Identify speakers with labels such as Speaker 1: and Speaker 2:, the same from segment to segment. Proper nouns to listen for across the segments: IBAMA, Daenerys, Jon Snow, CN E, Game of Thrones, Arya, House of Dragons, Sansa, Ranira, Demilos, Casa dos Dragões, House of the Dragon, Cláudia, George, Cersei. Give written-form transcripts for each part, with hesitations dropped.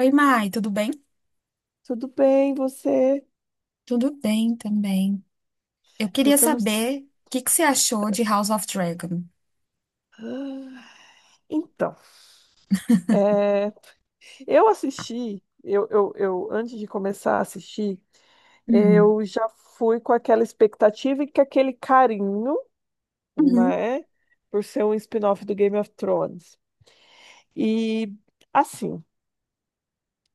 Speaker 1: Oi, Mai, tudo bem?
Speaker 2: Tudo bem, você?
Speaker 1: Tudo bem também. Eu queria
Speaker 2: Você não.
Speaker 1: saber o que que você achou de House of Dragon.
Speaker 2: Ah, então, é, eu assisti, antes de começar a assistir,
Speaker 1: Uhum.
Speaker 2: eu já fui com aquela expectativa e com aquele carinho,
Speaker 1: Uhum.
Speaker 2: né? Por ser um spin-off do Game of Thrones. E, assim,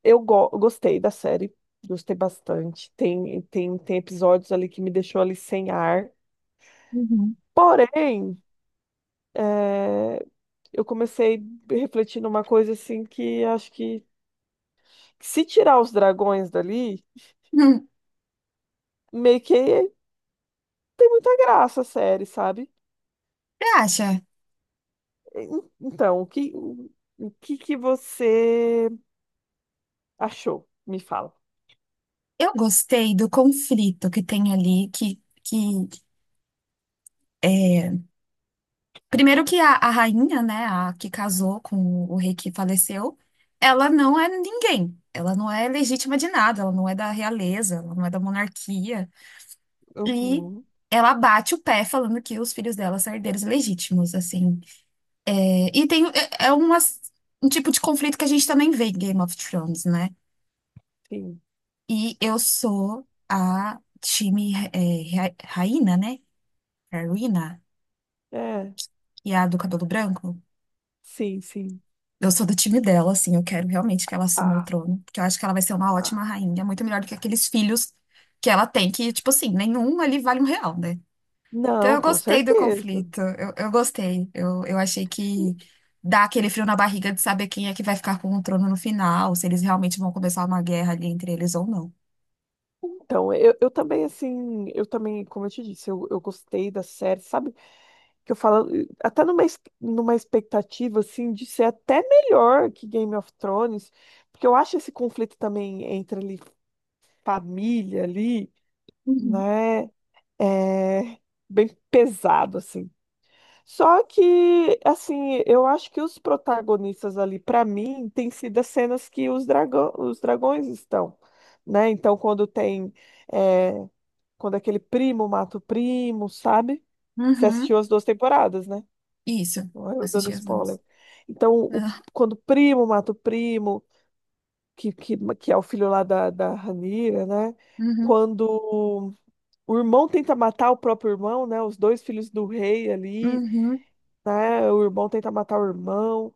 Speaker 2: eu gostei da série, gostei bastante. Tem episódios ali que me deixou ali sem ar.
Speaker 1: Uhum.
Speaker 2: Porém, é, eu comecei refletindo uma coisa assim que acho que se tirar os dragões dali,
Speaker 1: Uhum.
Speaker 2: meio que tem muita graça a série, sabe?
Speaker 1: Você acha?
Speaker 2: Então, o que que você achou? Me fala.
Speaker 1: Eu gostei do conflito que tem ali, é, primeiro que a rainha, né, a que casou com o rei que faleceu, ela não é ninguém. Ela não é legítima de nada, ela não é da realeza, ela não é da monarquia. E
Speaker 2: Uhum,
Speaker 1: ela bate o pé falando que os filhos dela são herdeiros legítimos, assim. É, e tem, um tipo de conflito que a gente também vê em Game of Thrones, né?
Speaker 2: sim.
Speaker 1: E eu sou a time Raina, né? Rowena,
Speaker 2: É,
Speaker 1: que é a do cabelo branco.
Speaker 2: sim, sim.
Speaker 1: Eu sou do time dela, assim, eu quero realmente que ela assuma o
Speaker 2: Ah,
Speaker 1: trono, porque eu acho que ela vai ser uma
Speaker 2: ah.
Speaker 1: ótima rainha, muito melhor do que aqueles filhos que ela tem, que, tipo assim, nenhum ali vale um real, né? Então,
Speaker 2: Não,
Speaker 1: eu
Speaker 2: com
Speaker 1: gostei do
Speaker 2: certeza.
Speaker 1: conflito. Eu gostei. Eu achei que dá aquele frio na barriga de saber quem é que vai ficar com o trono no final, se eles realmente vão começar uma guerra ali entre eles ou não.
Speaker 2: Então, eu também, assim, eu também, como eu te disse, eu gostei da série, sabe? Que eu falo, até numa expectativa, assim, de ser até melhor que Game of Thrones, porque eu acho esse conflito também entre ali, família ali,
Speaker 1: Uhum.
Speaker 2: né, é bem pesado, assim. Só que, assim, eu acho que os protagonistas ali, para mim, tem sido as cenas que os dragões estão, né? Então, é, quando aquele primo mata o primo, sabe? Você assistiu
Speaker 1: Uhum.
Speaker 2: as duas temporadas, né?
Speaker 1: Isso.
Speaker 2: Ó, eu dando
Speaker 1: Assisti as
Speaker 2: spoiler.
Speaker 1: duas.
Speaker 2: Então, quando o primo mata o primo, que é o filho lá da Ranira, né?
Speaker 1: Não. Uhum.
Speaker 2: Quando o irmão tenta matar o próprio irmão, né? Os dois filhos do rei ali,
Speaker 1: Uhum.
Speaker 2: né? O irmão tenta matar o irmão.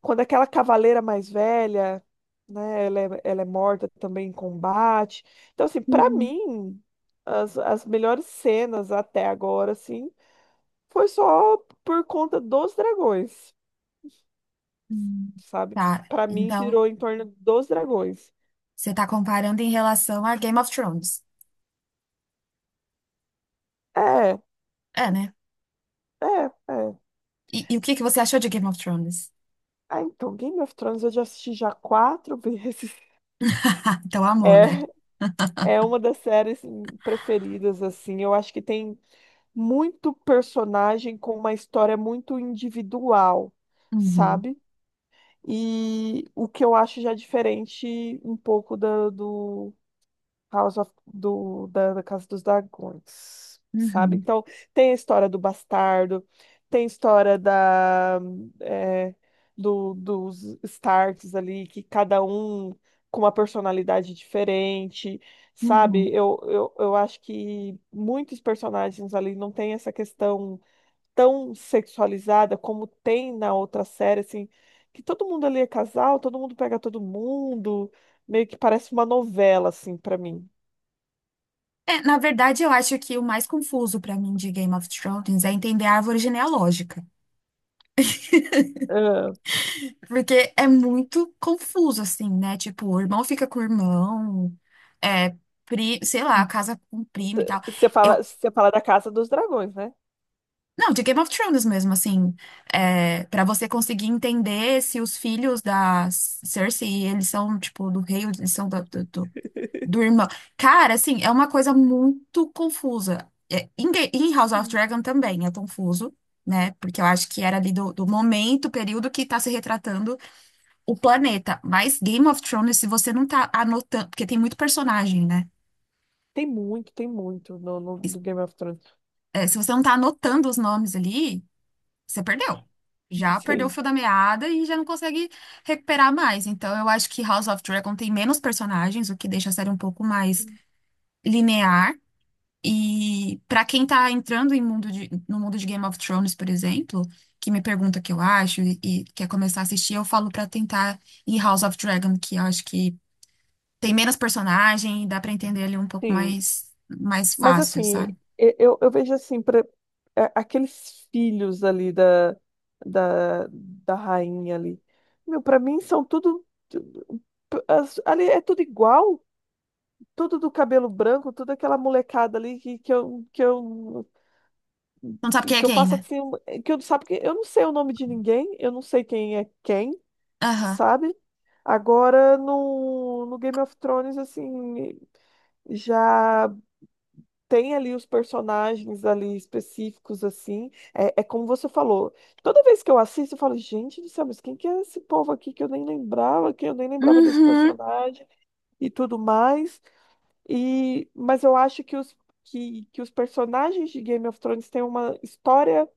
Speaker 2: Quando aquela cavaleira mais velha, né? Ela é morta também em combate. Então, assim, pra
Speaker 1: Uhum.
Speaker 2: mim, as melhores cenas até agora, assim, foi só por conta dos dragões,
Speaker 1: Hum.
Speaker 2: sabe?
Speaker 1: Tá.
Speaker 2: Pra mim
Speaker 1: Então,
Speaker 2: girou em torno dos dragões.
Speaker 1: você tá comparando em relação a Game of Thrones.
Speaker 2: É,
Speaker 1: É, né?
Speaker 2: é, é.
Speaker 1: E o que que você achou de Game of Thrones?
Speaker 2: Ah, então, Game of Thrones eu já assisti já quatro vezes.
Speaker 1: Então, amor, né?
Speaker 2: É, é uma das séries preferidas, assim. Eu acho que tem muito personagem com uma história muito individual,
Speaker 1: Uhum.
Speaker 2: sabe? E o que eu acho já diferente um pouco da, do, House of, do, da, da Casa dos Dragões, sabe?
Speaker 1: Uhum.
Speaker 2: Então, tem a história do bastardo, tem a história é, dos Starks ali, que cada um com uma personalidade diferente, sabe?
Speaker 1: Uhum.
Speaker 2: Eu acho que muitos personagens ali não têm essa questão tão sexualizada como tem na outra série, assim, que todo mundo ali é casal, todo mundo pega todo mundo, meio que parece uma novela, assim, pra mim.
Speaker 1: É, na verdade, eu acho que o mais confuso pra mim de Game of Thrones é entender a árvore genealógica.
Speaker 2: Ah,
Speaker 1: Porque é muito confuso, assim, né? Tipo, o irmão fica com o irmão, é, sei lá, casa com um primo e tal. Eu,
Speaker 2: você fala da Casa dos Dragões, né?
Speaker 1: não, de Game of Thrones mesmo, assim, para você conseguir entender se os filhos da Cersei, eles são, tipo, do rei, ou eles são da... Do irmão. Cara, assim, é uma coisa muito confusa. Em House of Dragon também é confuso, né? Porque eu acho que era ali do momento, período que tá se retratando o planeta. Mas Game of Thrones, se você não tá anotando, porque tem muito personagem, né?
Speaker 2: Tem muito do Game of Thrones.
Speaker 1: É, se você não tá anotando os nomes ali, você perdeu. Já perdeu o
Speaker 2: Sim,
Speaker 1: fio da meada e já não consegue recuperar mais. Então, eu acho que House of Dragon tem menos personagens, o que deixa a série um pouco mais linear. E pra quem tá entrando no mundo de Game of Thrones, por exemplo, que me pergunta o que eu acho e quer começar a assistir, eu falo pra tentar ir House of Dragon, que eu acho que tem menos personagem e dá pra entender ele um pouco
Speaker 2: sim.
Speaker 1: mais
Speaker 2: Mas
Speaker 1: fácil,
Speaker 2: assim,
Speaker 1: sabe?
Speaker 2: eu vejo assim, pra, aqueles filhos ali da rainha ali. Meu, pra mim são tudo. Ali é tudo igual, tudo do cabelo branco, tudo aquela molecada ali
Speaker 1: Não sabe quem é
Speaker 2: que eu
Speaker 1: quem,
Speaker 2: faço
Speaker 1: né?
Speaker 2: assim, que eu não sei o nome de ninguém, eu não sei quem é quem.
Speaker 1: Aham.
Speaker 2: Sabe? Agora no Game of Thrones, assim, já tem ali os personagens ali específicos, assim. É, é como você falou. Toda vez que eu assisto, eu falo, gente do céu, mas quem que é esse povo aqui que eu nem lembrava desse
Speaker 1: Uhum.
Speaker 2: personagem e tudo mais. E, mas eu acho que os personagens de Game of Thrones têm uma história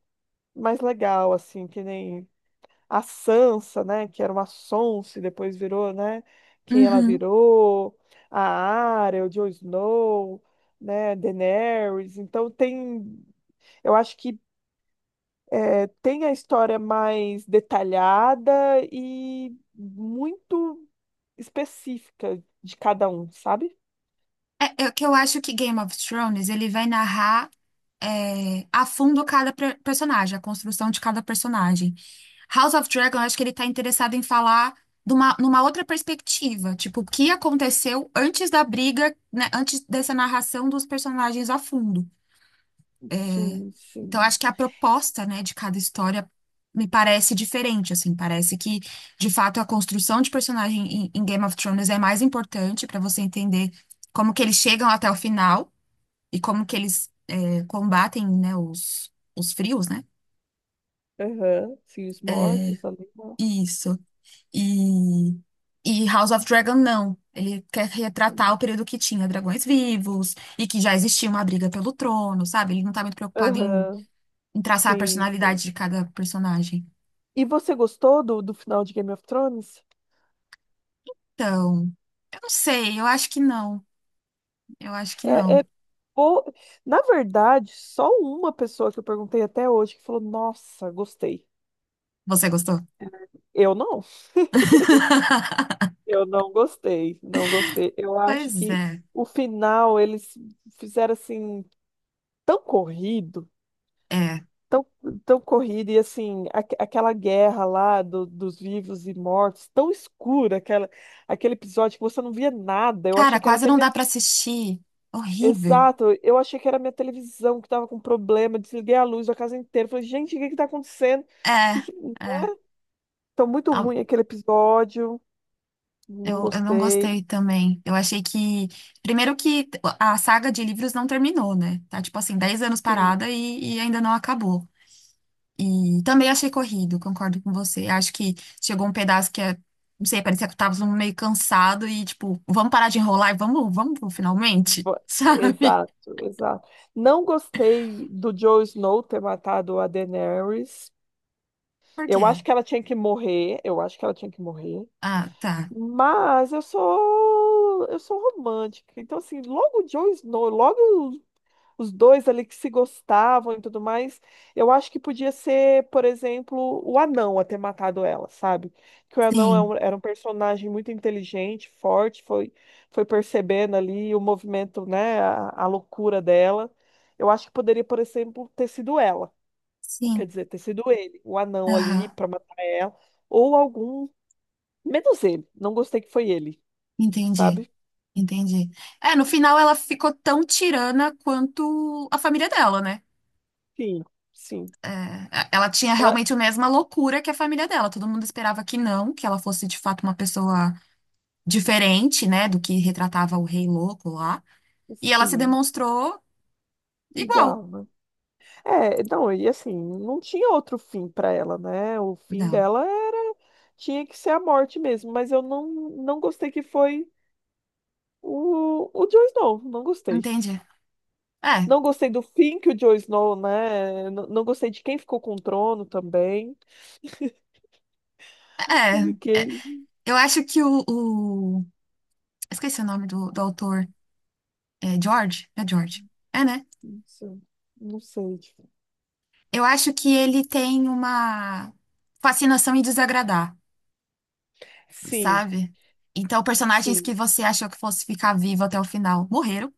Speaker 2: mais legal, assim, que nem a Sansa, né, que era uma sonsa e depois virou, né, quem ela
Speaker 1: Uhum.
Speaker 2: virou, a Arya, o Jon Snow, né, Daenerys. Então eu acho que tem a história mais detalhada e muito específica de cada um, sabe?
Speaker 1: É que eu acho que Game of Thrones, ele vai narrar a fundo cada personagem, a construção de cada personagem. House of Dragon, eu acho que ele tá interessado em falar numa outra perspectiva, tipo, o que aconteceu antes da briga, né, antes dessa narração dos personagens a fundo.
Speaker 2: Sim,
Speaker 1: Então, eu
Speaker 2: sim.
Speaker 1: acho que a proposta, né, de cada história me parece diferente, assim, parece que, de fato, a construção de personagem em Game of Thrones é mais importante para você entender como que eles chegam até o final e como que eles combatem, né, os frios, né?
Speaker 2: Aham, sim, os
Speaker 1: É,
Speaker 2: mortos ali, né?
Speaker 1: isso. E, e House of Dragon não. Ele quer retratar o
Speaker 2: Sim.
Speaker 1: período que tinha dragões vivos e que já existia uma briga pelo trono, sabe? Ele não tá muito preocupado em,
Speaker 2: Aham,
Speaker 1: em traçar a
Speaker 2: sim,
Speaker 1: personalidade
Speaker 2: sim.
Speaker 1: de cada personagem.
Speaker 2: E você gostou do final de Game of Thrones?
Speaker 1: Então, eu não sei, eu acho que não. Eu acho que
Speaker 2: É, é.
Speaker 1: não.
Speaker 2: Pô, na verdade, só uma pessoa que eu perguntei até hoje que falou: Nossa, gostei.
Speaker 1: Você gostou?
Speaker 2: Eu não. Eu não gostei. Não gostei. Eu acho
Speaker 1: Pois
Speaker 2: que
Speaker 1: é,
Speaker 2: o final eles fizeram assim, tão corrido,
Speaker 1: é.
Speaker 2: tão, tão corrido, e assim, aquela guerra lá dos vivos e mortos, tão escura, aquele episódio que você não via nada. Eu
Speaker 1: Cara,
Speaker 2: achei que era
Speaker 1: quase
Speaker 2: até.
Speaker 1: não dá pra assistir. Horrível.
Speaker 2: Exato, eu achei que era minha televisão que tava com problema, desliguei a luz da casa inteira. Falei, gente, o que que tá acontecendo? Que
Speaker 1: É,
Speaker 2: que.
Speaker 1: é.
Speaker 2: Tá muito ruim aquele episódio, não
Speaker 1: Eu não
Speaker 2: gostei.
Speaker 1: gostei também. Eu achei que... Primeiro que a saga de livros não terminou, né? Tá tipo assim, 10 anos
Speaker 2: Sim,
Speaker 1: parada e ainda não acabou. E também achei corrido, concordo com você. Acho que chegou um pedaço que é. Não sei, parecia que eu tava meio cansado e tipo, vamos parar de enrolar e vamos pro finalmente,
Speaker 2: bo-
Speaker 1: sabe?
Speaker 2: exato, exato. Não gostei do Jon Snow ter matado a Daenerys.
Speaker 1: Por
Speaker 2: Eu
Speaker 1: quê?
Speaker 2: acho que ela tinha que morrer, eu acho que ela tinha que morrer.
Speaker 1: Ah, tá.
Speaker 2: Mas eu sou romântica. Então assim, logo o Jon Snow, logo os dois ali que se gostavam e tudo mais. Eu acho que podia ser, por exemplo, o anão a ter matado ela, sabe? Que o anão
Speaker 1: Sim,
Speaker 2: era um personagem muito inteligente, forte, foi percebendo ali o movimento, né, a loucura dela. Eu acho que poderia, por exemplo, ter sido ela, ou quer
Speaker 1: sim.
Speaker 2: dizer, ter sido ele, o anão ali
Speaker 1: Aham.
Speaker 2: para matar ela, ou algum, menos ele. Não gostei que foi ele,
Speaker 1: Entendi,
Speaker 2: sabe?
Speaker 1: entendi. É, no final ela ficou tão tirana quanto a família dela, né?
Speaker 2: Sim, sim.
Speaker 1: É, é, ela tinha
Speaker 2: É,
Speaker 1: realmente a mesma loucura que a família dela. Todo mundo esperava que não, que ela fosse de fato uma pessoa diferente, né, do que retratava o rei louco lá. E ela se
Speaker 2: sim,
Speaker 1: demonstrou igual.
Speaker 2: igual, né? É, não, e assim, não tinha outro fim para ela, né? O fim
Speaker 1: Não,
Speaker 2: dela era tinha que ser a morte mesmo, mas eu não gostei que foi o Jon Snow, não gostei.
Speaker 1: entendi. É,
Speaker 2: Não gostei do fim que o Jon Snow, né? Não, não gostei de quem ficou com o trono também.
Speaker 1: é.
Speaker 2: E que,
Speaker 1: Eu acho que o... Esqueci o nome do autor. É George? É George. É, né?
Speaker 2: não sei, não sei. Tipo,
Speaker 1: Eu acho que ele tem uma fascinação em desagradar,
Speaker 2: sim,
Speaker 1: sabe? Então, personagens que
Speaker 2: sim,
Speaker 1: você achou que fosse ficar vivo até o final morreram.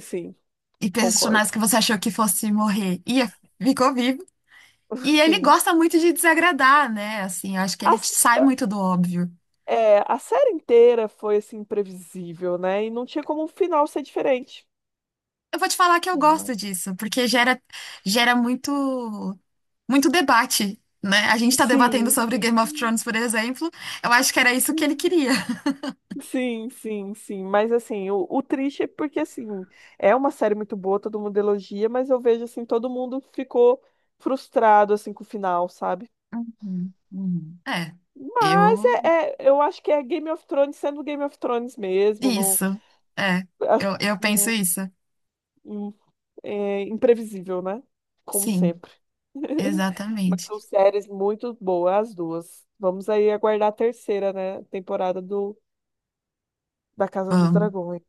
Speaker 2: sim,
Speaker 1: E
Speaker 2: concordo.
Speaker 1: personagens que você achou que fosse morrer e ficou vivo. E ele
Speaker 2: Sim.
Speaker 1: gosta muito de desagradar, né? Assim, eu acho que ele
Speaker 2: As-
Speaker 1: sai muito do óbvio.
Speaker 2: é, a série inteira foi assim imprevisível, né? E não tinha como o final ser diferente.
Speaker 1: Eu vou te falar que eu gosto disso, porque gera muito, muito debate, né? A gente tá debatendo
Speaker 2: Sim,
Speaker 1: sobre
Speaker 2: sim.
Speaker 1: Game of Thrones, por exemplo. Eu acho que era isso que ele queria.
Speaker 2: Sim, sim, sim. Mas assim, o triste é porque assim, é uma série muito boa, todo mundo elogia, mas eu vejo assim, todo mundo ficou frustrado assim com o final, sabe?
Speaker 1: Uhum. Uhum. É,
Speaker 2: Mas
Speaker 1: eu.
Speaker 2: eu acho que é Game of Thrones sendo Game of Thrones mesmo, não,
Speaker 1: Isso. É,
Speaker 2: as-
Speaker 1: eu penso
Speaker 2: não-
Speaker 1: isso.
Speaker 2: não- é imprevisível, né? Como
Speaker 1: Sim,
Speaker 2: sempre. Mas
Speaker 1: exatamente.
Speaker 2: são séries muito boas, as duas. Vamos aí aguardar a terceira, né, temporada do da Casa dos Dragões.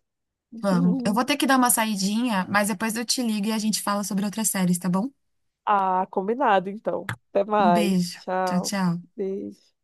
Speaker 1: Vamos. Eu vou ter que dar uma saidinha, mas depois eu te ligo e a gente fala sobre outras séries, tá bom?
Speaker 2: Ah, combinado então. Até
Speaker 1: Um
Speaker 2: mais.
Speaker 1: beijo. Tchau,
Speaker 2: Tchau.
Speaker 1: tchau.
Speaker 2: Beijo.